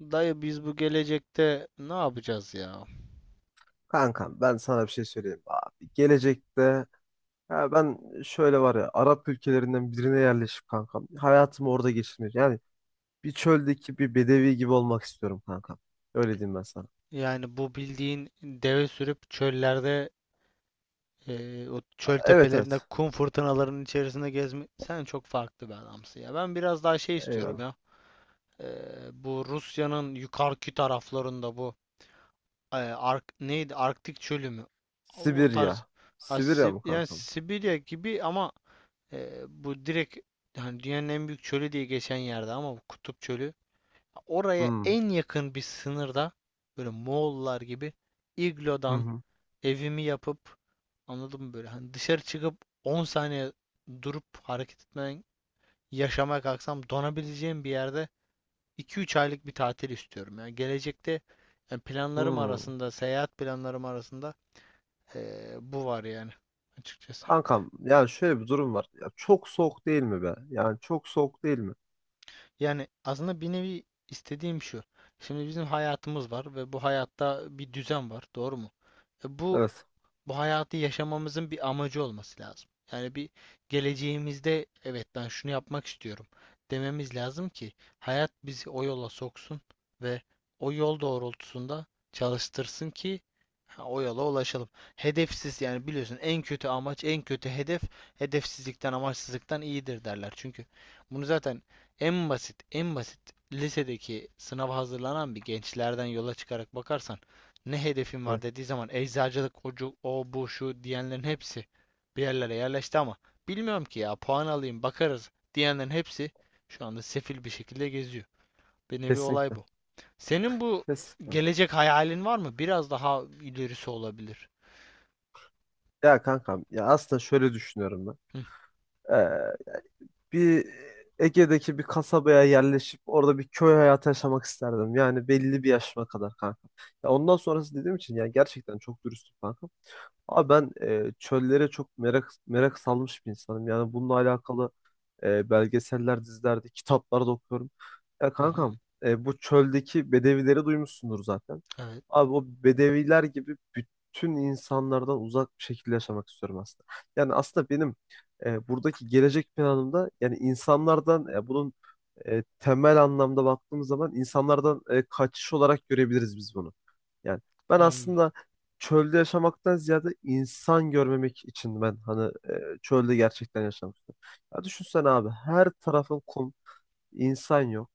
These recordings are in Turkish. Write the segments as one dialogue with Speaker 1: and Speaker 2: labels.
Speaker 1: Dayı biz bu gelecekte ne yapacağız ya?
Speaker 2: Kankam, ben sana bir şey söyleyeyim abi. Gelecekte ya ben şöyle, var ya, Arap ülkelerinden birine yerleşip kankam hayatımı orada geçirmek. Yani bir çöldeki bir bedevi gibi olmak istiyorum kankam. Öyle diyeyim ben sana.
Speaker 1: Yani bu bildiğin deve sürüp çöllerde o çöl
Speaker 2: Evet,
Speaker 1: tepelerinde
Speaker 2: evet.
Speaker 1: kum fırtınalarının içerisinde gezme sen çok farklı bir adamsın ya. Ben biraz daha şey istiyorum
Speaker 2: Eyvallah.
Speaker 1: ya. E, bu Rusya'nın yukarıki taraflarında Ark neydi? Arktik çölü mü? O tarz,
Speaker 2: Sibirya.
Speaker 1: ha,
Speaker 2: Sibirya mı
Speaker 1: Yani
Speaker 2: kankam?
Speaker 1: Sibirya gibi, ama bu direkt yani dünyanın en büyük çölü diye geçen yerde, ama bu kutup çölü, oraya
Speaker 2: Hmm.
Speaker 1: en yakın bir sınırda, böyle Moğollar gibi
Speaker 2: Hı
Speaker 1: iglodan
Speaker 2: hı.
Speaker 1: evimi yapıp, anladın mı, böyle hani dışarı çıkıp 10 saniye durup hareket etmeden yaşamaya kalksam donabileceğim bir yerde 2-3 aylık bir tatil istiyorum. Yani gelecekte, yani planlarım
Speaker 2: Hmm.
Speaker 1: arasında, seyahat planlarım arasında bu var yani, açıkçası.
Speaker 2: Kankam, yani şöyle bir durum var. Ya çok soğuk değil mi be? Yani çok soğuk değil mi?
Speaker 1: Yani aslında bir nevi istediğim şu. Şimdi bizim hayatımız var ve bu hayatta bir düzen var, doğru mu? Bu
Speaker 2: Evet.
Speaker 1: bu hayatı yaşamamızın bir amacı olması lazım. Yani bir geleceğimizde evet ben şunu yapmak istiyorum dememiz lazım ki hayat bizi o yola soksun ve o yol doğrultusunda çalıştırsın ki, ha, o yola ulaşalım. Hedefsiz, yani biliyorsun en kötü amaç, en kötü hedef hedefsizlikten, amaçsızlıktan iyidir derler. Çünkü bunu zaten en basit lisedeki sınava hazırlanan bir gençlerden yola çıkarak bakarsan, ne hedefin var
Speaker 2: Evet.
Speaker 1: dediği zaman eczacılık, ocu, o bu şu diyenlerin hepsi bir yerlere yerleşti, ama bilmiyorum ki, ya puan alayım bakarız diyenlerin hepsi şu anda sefil bir şekilde geziyor. Bir nevi olay
Speaker 2: Kesinlikle.
Speaker 1: bu. Senin bu
Speaker 2: Kesinlikle.
Speaker 1: gelecek hayalin var mı? Biraz daha ilerisi olabilir.
Speaker 2: Ya kankam, ya aslında şöyle düşünüyorum ben.
Speaker 1: Hı,
Speaker 2: Ee, Bir Ege'deki bir kasabaya yerleşip orada bir köy hayatı yaşamak isterdim. Yani belli bir yaşıma kadar kanka. Ya ondan sonrası dediğim için yani gerçekten çok dürüstüm kanka. Abi ben çöllere çok merak merak salmış bir insanım. Yani bununla alakalı belgeseller, dizilerde, kitaplarda okuyorum. Ya
Speaker 1: hı, hı.
Speaker 2: kankam, bu çöldeki bedevileri duymuşsundur zaten.
Speaker 1: Evet.
Speaker 2: Abi o bedeviler gibi bütün insanlardan uzak bir şekilde yaşamak istiyorum aslında. Yani aslında benim buradaki gelecek planımda, yani insanlardan, bunun temel anlamda baktığımız zaman insanlardan kaçış olarak görebiliriz biz bunu. Yani ben
Speaker 1: Anladım.
Speaker 2: aslında çölde yaşamaktan ziyade insan görmemek için ben hani çölde gerçekten yaşamak istiyorum. Ya düşünsene abi, her tarafın kum, insan yok.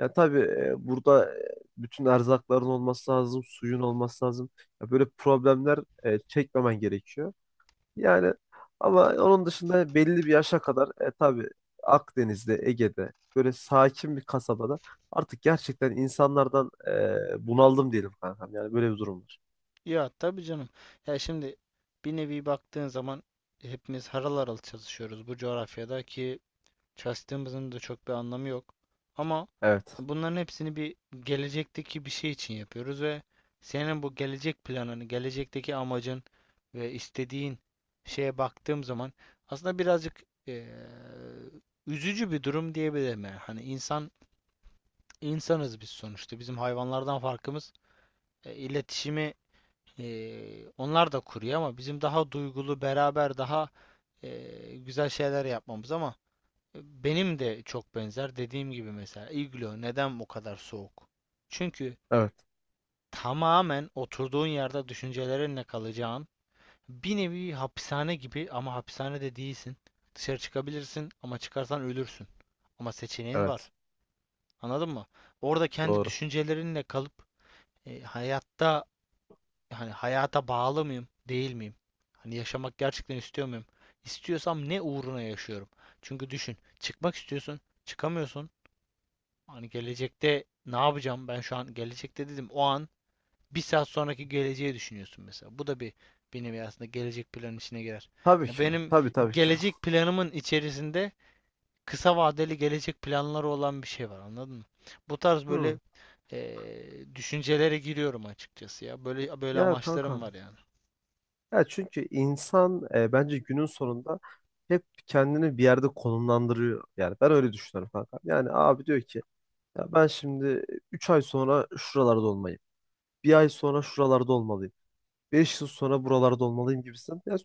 Speaker 2: Ya tabii burada, bütün erzakların olması lazım, suyun olması lazım. Ya böyle problemler çekmemen gerekiyor. Yani ama onun dışında belli bir yaşa kadar tabii Akdeniz'de, Ege'de böyle sakin bir kasabada artık gerçekten insanlardan bunaldım diyelim kankam. Yani böyle bir durum var.
Speaker 1: Ya tabii canım. Ya şimdi bir nevi baktığın zaman hepimiz harıl harıl çalışıyoruz bu coğrafyada ki çalıştığımızın da çok bir anlamı yok. Ama
Speaker 2: Evet,
Speaker 1: bunların hepsini bir gelecekteki bir şey için yapıyoruz ve senin bu gelecek planını, gelecekteki amacın ve istediğin şeye baktığım zaman aslında birazcık üzücü bir durum diyebilirim yani. Hani insanız biz sonuçta. Bizim hayvanlardan farkımız iletişimi onlar da kuruyor, ama bizim daha duygulu, beraber daha güzel şeyler yapmamız, ama benim de çok benzer. Dediğim gibi, mesela iglo neden bu kadar soğuk? Çünkü
Speaker 2: evet,
Speaker 1: tamamen oturduğun yerde düşüncelerinle kalacağın bir nevi hapishane gibi, ama hapishanede değilsin. Dışarı çıkabilirsin, ama çıkarsan ölürsün. Ama seçeneğin
Speaker 2: evet.
Speaker 1: var. Anladın mı? Orada kendi
Speaker 2: Doğru.
Speaker 1: düşüncelerinle kalıp hayatta, hani hayata bağlı mıyım, değil miyim? Hani yaşamak gerçekten istiyor muyum? İstiyorsam ne uğruna yaşıyorum? Çünkü düşün, çıkmak istiyorsun, çıkamıyorsun. Hani gelecekte ne yapacağım, ben şu an gelecekte dedim, o an bir saat sonraki geleceği düşünüyorsun mesela. Bu da bir, benim aslında gelecek planın içine girer.
Speaker 2: Tabii
Speaker 1: Ya
Speaker 2: ki,
Speaker 1: benim
Speaker 2: tabii, tabii ki.
Speaker 1: gelecek planımın içerisinde kısa vadeli gelecek planları olan bir şey var, anladın mı? Bu tarz böyle
Speaker 2: Hı.
Speaker 1: düşüncelere giriyorum açıkçası ya. Böyle
Speaker 2: Ya
Speaker 1: amaçlarım var
Speaker 2: kankam.
Speaker 1: yani.
Speaker 2: Ya çünkü insan, bence günün sonunda hep kendini bir yerde konumlandırıyor. Yani ben öyle düşünüyorum kanka. Yani abi diyor ki, ya ben şimdi 3 ay sonra şuralarda olmalıyım. Bir ay sonra şuralarda olmalıyım. Beş yıl sonra buralarda olmalıyım gibisin. Ya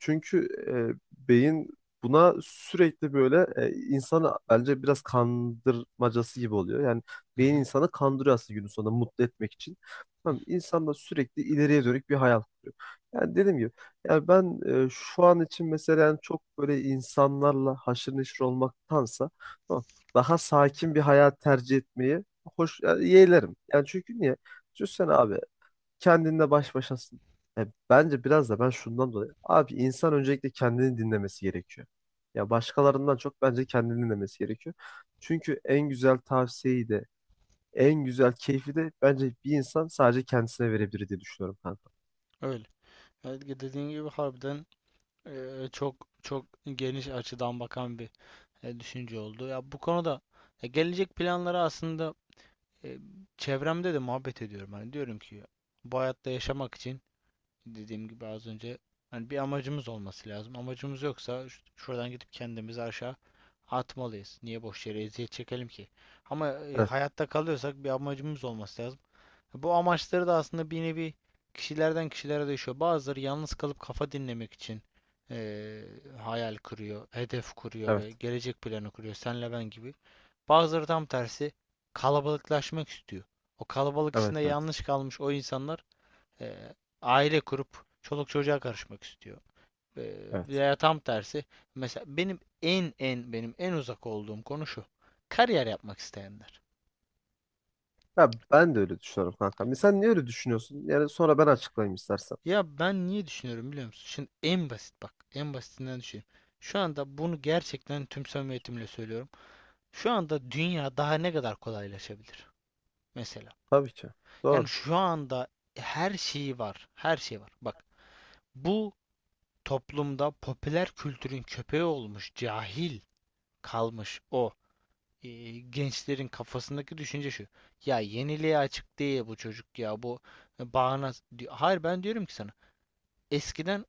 Speaker 2: çünkü beyin buna sürekli böyle, insanı bence biraz kandırmacası gibi oluyor. Yani
Speaker 1: Hı
Speaker 2: beyin
Speaker 1: hı.
Speaker 2: insanı kandırıyor aslında günün sonunda mutlu etmek için.
Speaker 1: Hı.
Speaker 2: Tamam, insan da sürekli ileriye dönük bir hayal kuruyor. Yani dediğim gibi, yani ben şu an için mesela, yani çok böyle insanlarla haşır neşir olmaktansa, tamam, daha sakin bir hayat tercih etmeyi hoş, yani yeğlerim. Yani çünkü niye? Düşünsene abi, kendinle baş başasın. Bence biraz da ben şundan dolayı. Abi insan öncelikle kendini dinlemesi gerekiyor. Ya başkalarından çok bence kendini dinlemesi gerekiyor. Çünkü en güzel tavsiyeyi de en güzel keyfi de bence bir insan sadece kendisine verebilir diye düşünüyorum kanka.
Speaker 1: Öyle. Evet, dediğin gibi harbiden çok çok geniş açıdan bakan bir düşünce oldu. Ya bu konuda, ya gelecek planları aslında, e, çevremde de muhabbet ediyorum. Hani diyorum ki bu hayatta yaşamak için, dediğim gibi az önce, hani bir amacımız olması lazım. Amacımız yoksa şuradan gidip kendimizi aşağı atmalıyız. Niye boş yere eziyet çekelim ki? Ama,
Speaker 2: Evet,
Speaker 1: hayatta kalıyorsak bir amacımız olması lazım. Bu amaçları da aslında bir nevi kişilerden kişilere değişiyor. Bazıları yalnız kalıp kafa dinlemek için eee, hayal kuruyor, hedef kuruyor
Speaker 2: evet,
Speaker 1: ve gelecek planı kuruyor. Senle ben gibi. Bazıları tam tersi kalabalıklaşmak istiyor. O kalabalık
Speaker 2: evet,
Speaker 1: içinde
Speaker 2: evet,
Speaker 1: yanlış kalmış o insanlar eee, aile kurup çoluk çocuğa karışmak istiyor.
Speaker 2: evet.
Speaker 1: Veya tam tersi, mesela benim en uzak olduğum konu şu. Kariyer yapmak isteyenler.
Speaker 2: Ya ben de öyle düşünüyorum kanka. Sen niye öyle düşünüyorsun? Yani sonra ben açıklayayım istersen.
Speaker 1: Ya ben niye düşünüyorum biliyor musun? Şimdi en basit bak, en basitinden düşüneyim. Şu anda bunu gerçekten tüm samimiyetimle söylüyorum. Şu anda dünya daha ne kadar kolaylaşabilir mesela.
Speaker 2: Tabii ki.
Speaker 1: Yani
Speaker 2: Doğru.
Speaker 1: şu anda her şeyi var, her şey var. Bak, bu toplumda popüler kültürün köpeği olmuş, cahil kalmış o e, gençlerin kafasındaki düşünce şu. Ya yeniliğe açık değil bu çocuk, ya bu bağnaz, diyor. Hayır, ben diyorum ki sana. Eskiden,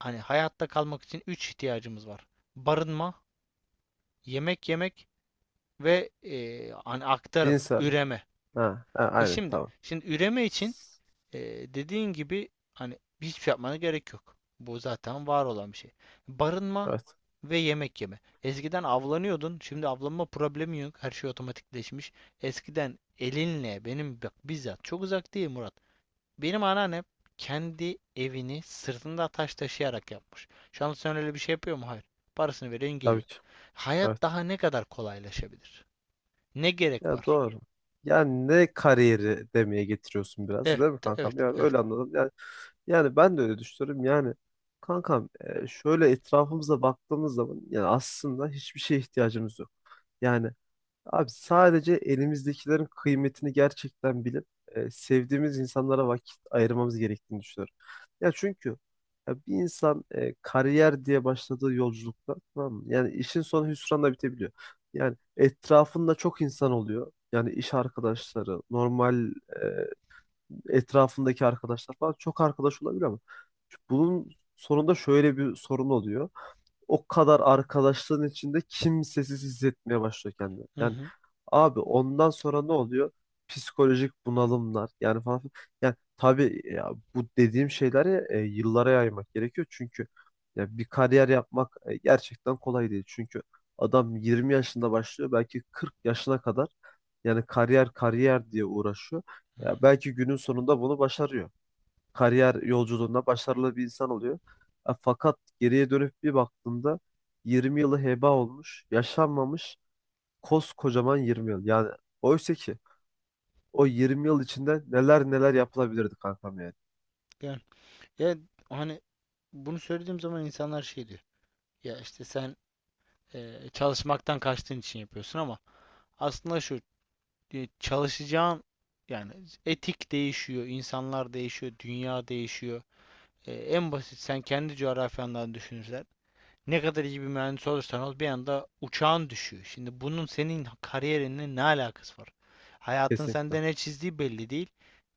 Speaker 1: hani hayatta kalmak için 3 ihtiyacımız var. Barınma, yemek yemek ve, hani aktarım,
Speaker 2: Cinsel.
Speaker 1: üreme.
Speaker 2: Ha, ha,
Speaker 1: E
Speaker 2: aynen,
Speaker 1: şimdi,
Speaker 2: tamam.
Speaker 1: şimdi üreme için, e, dediğin gibi, hani hiçbir şey yapmana gerek yok. Bu zaten var olan bir şey. Barınma
Speaker 2: Evet,
Speaker 1: ve yemek yeme. Eskiden avlanıyordun, şimdi avlanma problemi yok. Her şey otomatikleşmiş. Eskiden elinle, benim bak bizzat çok uzak değil Murat. Benim anneannem kendi evini sırtında taş taşıyarak yapmış. Şu anda sen öyle bir şey yapıyor mu? Hayır. Parasını veriyorsun
Speaker 2: tabii
Speaker 1: geliyor.
Speaker 2: ki.
Speaker 1: Hayat
Speaker 2: Evet.
Speaker 1: daha ne kadar kolaylaşabilir? Ne gerek
Speaker 2: Ya
Speaker 1: var?
Speaker 2: doğru. Yani ne kariyeri demeye getiriyorsun biraz,
Speaker 1: Evet,
Speaker 2: değil mi kankam?
Speaker 1: evet,
Speaker 2: Yani
Speaker 1: evet.
Speaker 2: öyle anladım. Yani, yani ben de öyle düşünüyorum. Yani kankam, şöyle etrafımıza baktığımız zaman yani aslında hiçbir şeye ihtiyacımız yok. Yani abi, sadece elimizdekilerin kıymetini gerçekten bilip sevdiğimiz insanlara vakit ayırmamız gerektiğini düşünüyorum. Ya çünkü ya bir insan, kariyer diye başladığı yolculukta, tamam mı, yani işin sonu hüsranla bitebiliyor. Yani etrafında çok insan oluyor. Yani iş arkadaşları, normal etrafındaki arkadaşlar falan çok arkadaş olabilir ama bunun sonunda şöyle bir sorun oluyor: o kadar arkadaşlığın içinde kimsesiz hissetmeye başlıyor kendini.
Speaker 1: Hı
Speaker 2: Yani
Speaker 1: hı,
Speaker 2: abi, ondan sonra ne oluyor? Psikolojik bunalımlar yani falan filan. Yani tabii ya, bu dediğim şeyleri yıllara yaymak gerekiyor. Çünkü ya bir kariyer yapmak gerçekten kolay değil. Çünkü adam 20 yaşında başlıyor, belki 40 yaşına kadar yani kariyer kariyer diye uğraşıyor.
Speaker 1: hı
Speaker 2: Ya
Speaker 1: hı.
Speaker 2: belki günün sonunda bunu başarıyor, kariyer yolculuğunda başarılı bir insan oluyor. E, fakat geriye dönüp bir baktığımda 20 yılı heba olmuş, yaşanmamış koskocaman 20 yıl. Yani oysa ki o 20 yıl içinde neler neler yapılabilirdi kankam, yani.
Speaker 1: Yani, yani, hani bunu söylediğim zaman insanlar şey diyor. Ya işte sen çalışmaktan kaçtığın için yapıyorsun, ama aslında şu çalışacağın yani etik değişiyor, insanlar değişiyor, dünya değişiyor. E, en basit sen kendi coğrafyandan düşünürsen, ne kadar iyi bir mühendis olursan ol bir anda uçağın düşüyor. Şimdi bunun senin kariyerinle ne alakası var? Hayatın
Speaker 2: Kesinlikle.
Speaker 1: sende ne çizdiği belli değil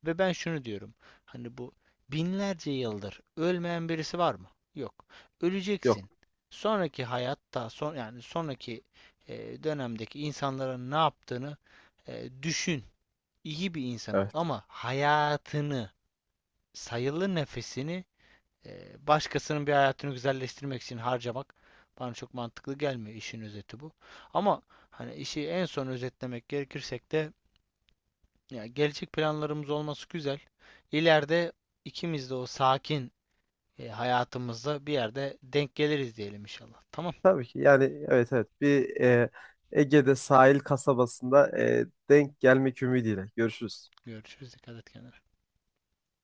Speaker 1: ve ben şunu diyorum. Hani bu binlerce yıldır ölmeyen birisi var mı? Yok.
Speaker 2: Yok.
Speaker 1: Öleceksin. Sonraki hayatta son, yani sonraki dönemdeki insanların ne yaptığını düşün. İyi bir insan ol,
Speaker 2: Evet.
Speaker 1: ama hayatını, sayılı nefesini başkasının bir hayatını güzelleştirmek için harcamak bana çok mantıklı gelmiyor, işin özeti bu. Ama hani işi en son özetlemek gerekirsek de, ya gelecek planlarımız olması güzel. İleride ikimiz de o sakin hayatımızda bir yerde denk geliriz diyelim inşallah. Tamam.
Speaker 2: Tabii ki, yani, evet, evet, bir Ege'de sahil kasabasında denk gelmek ümidiyle. Görüşürüz.
Speaker 1: Görüşürüz. Dikkat et kendine.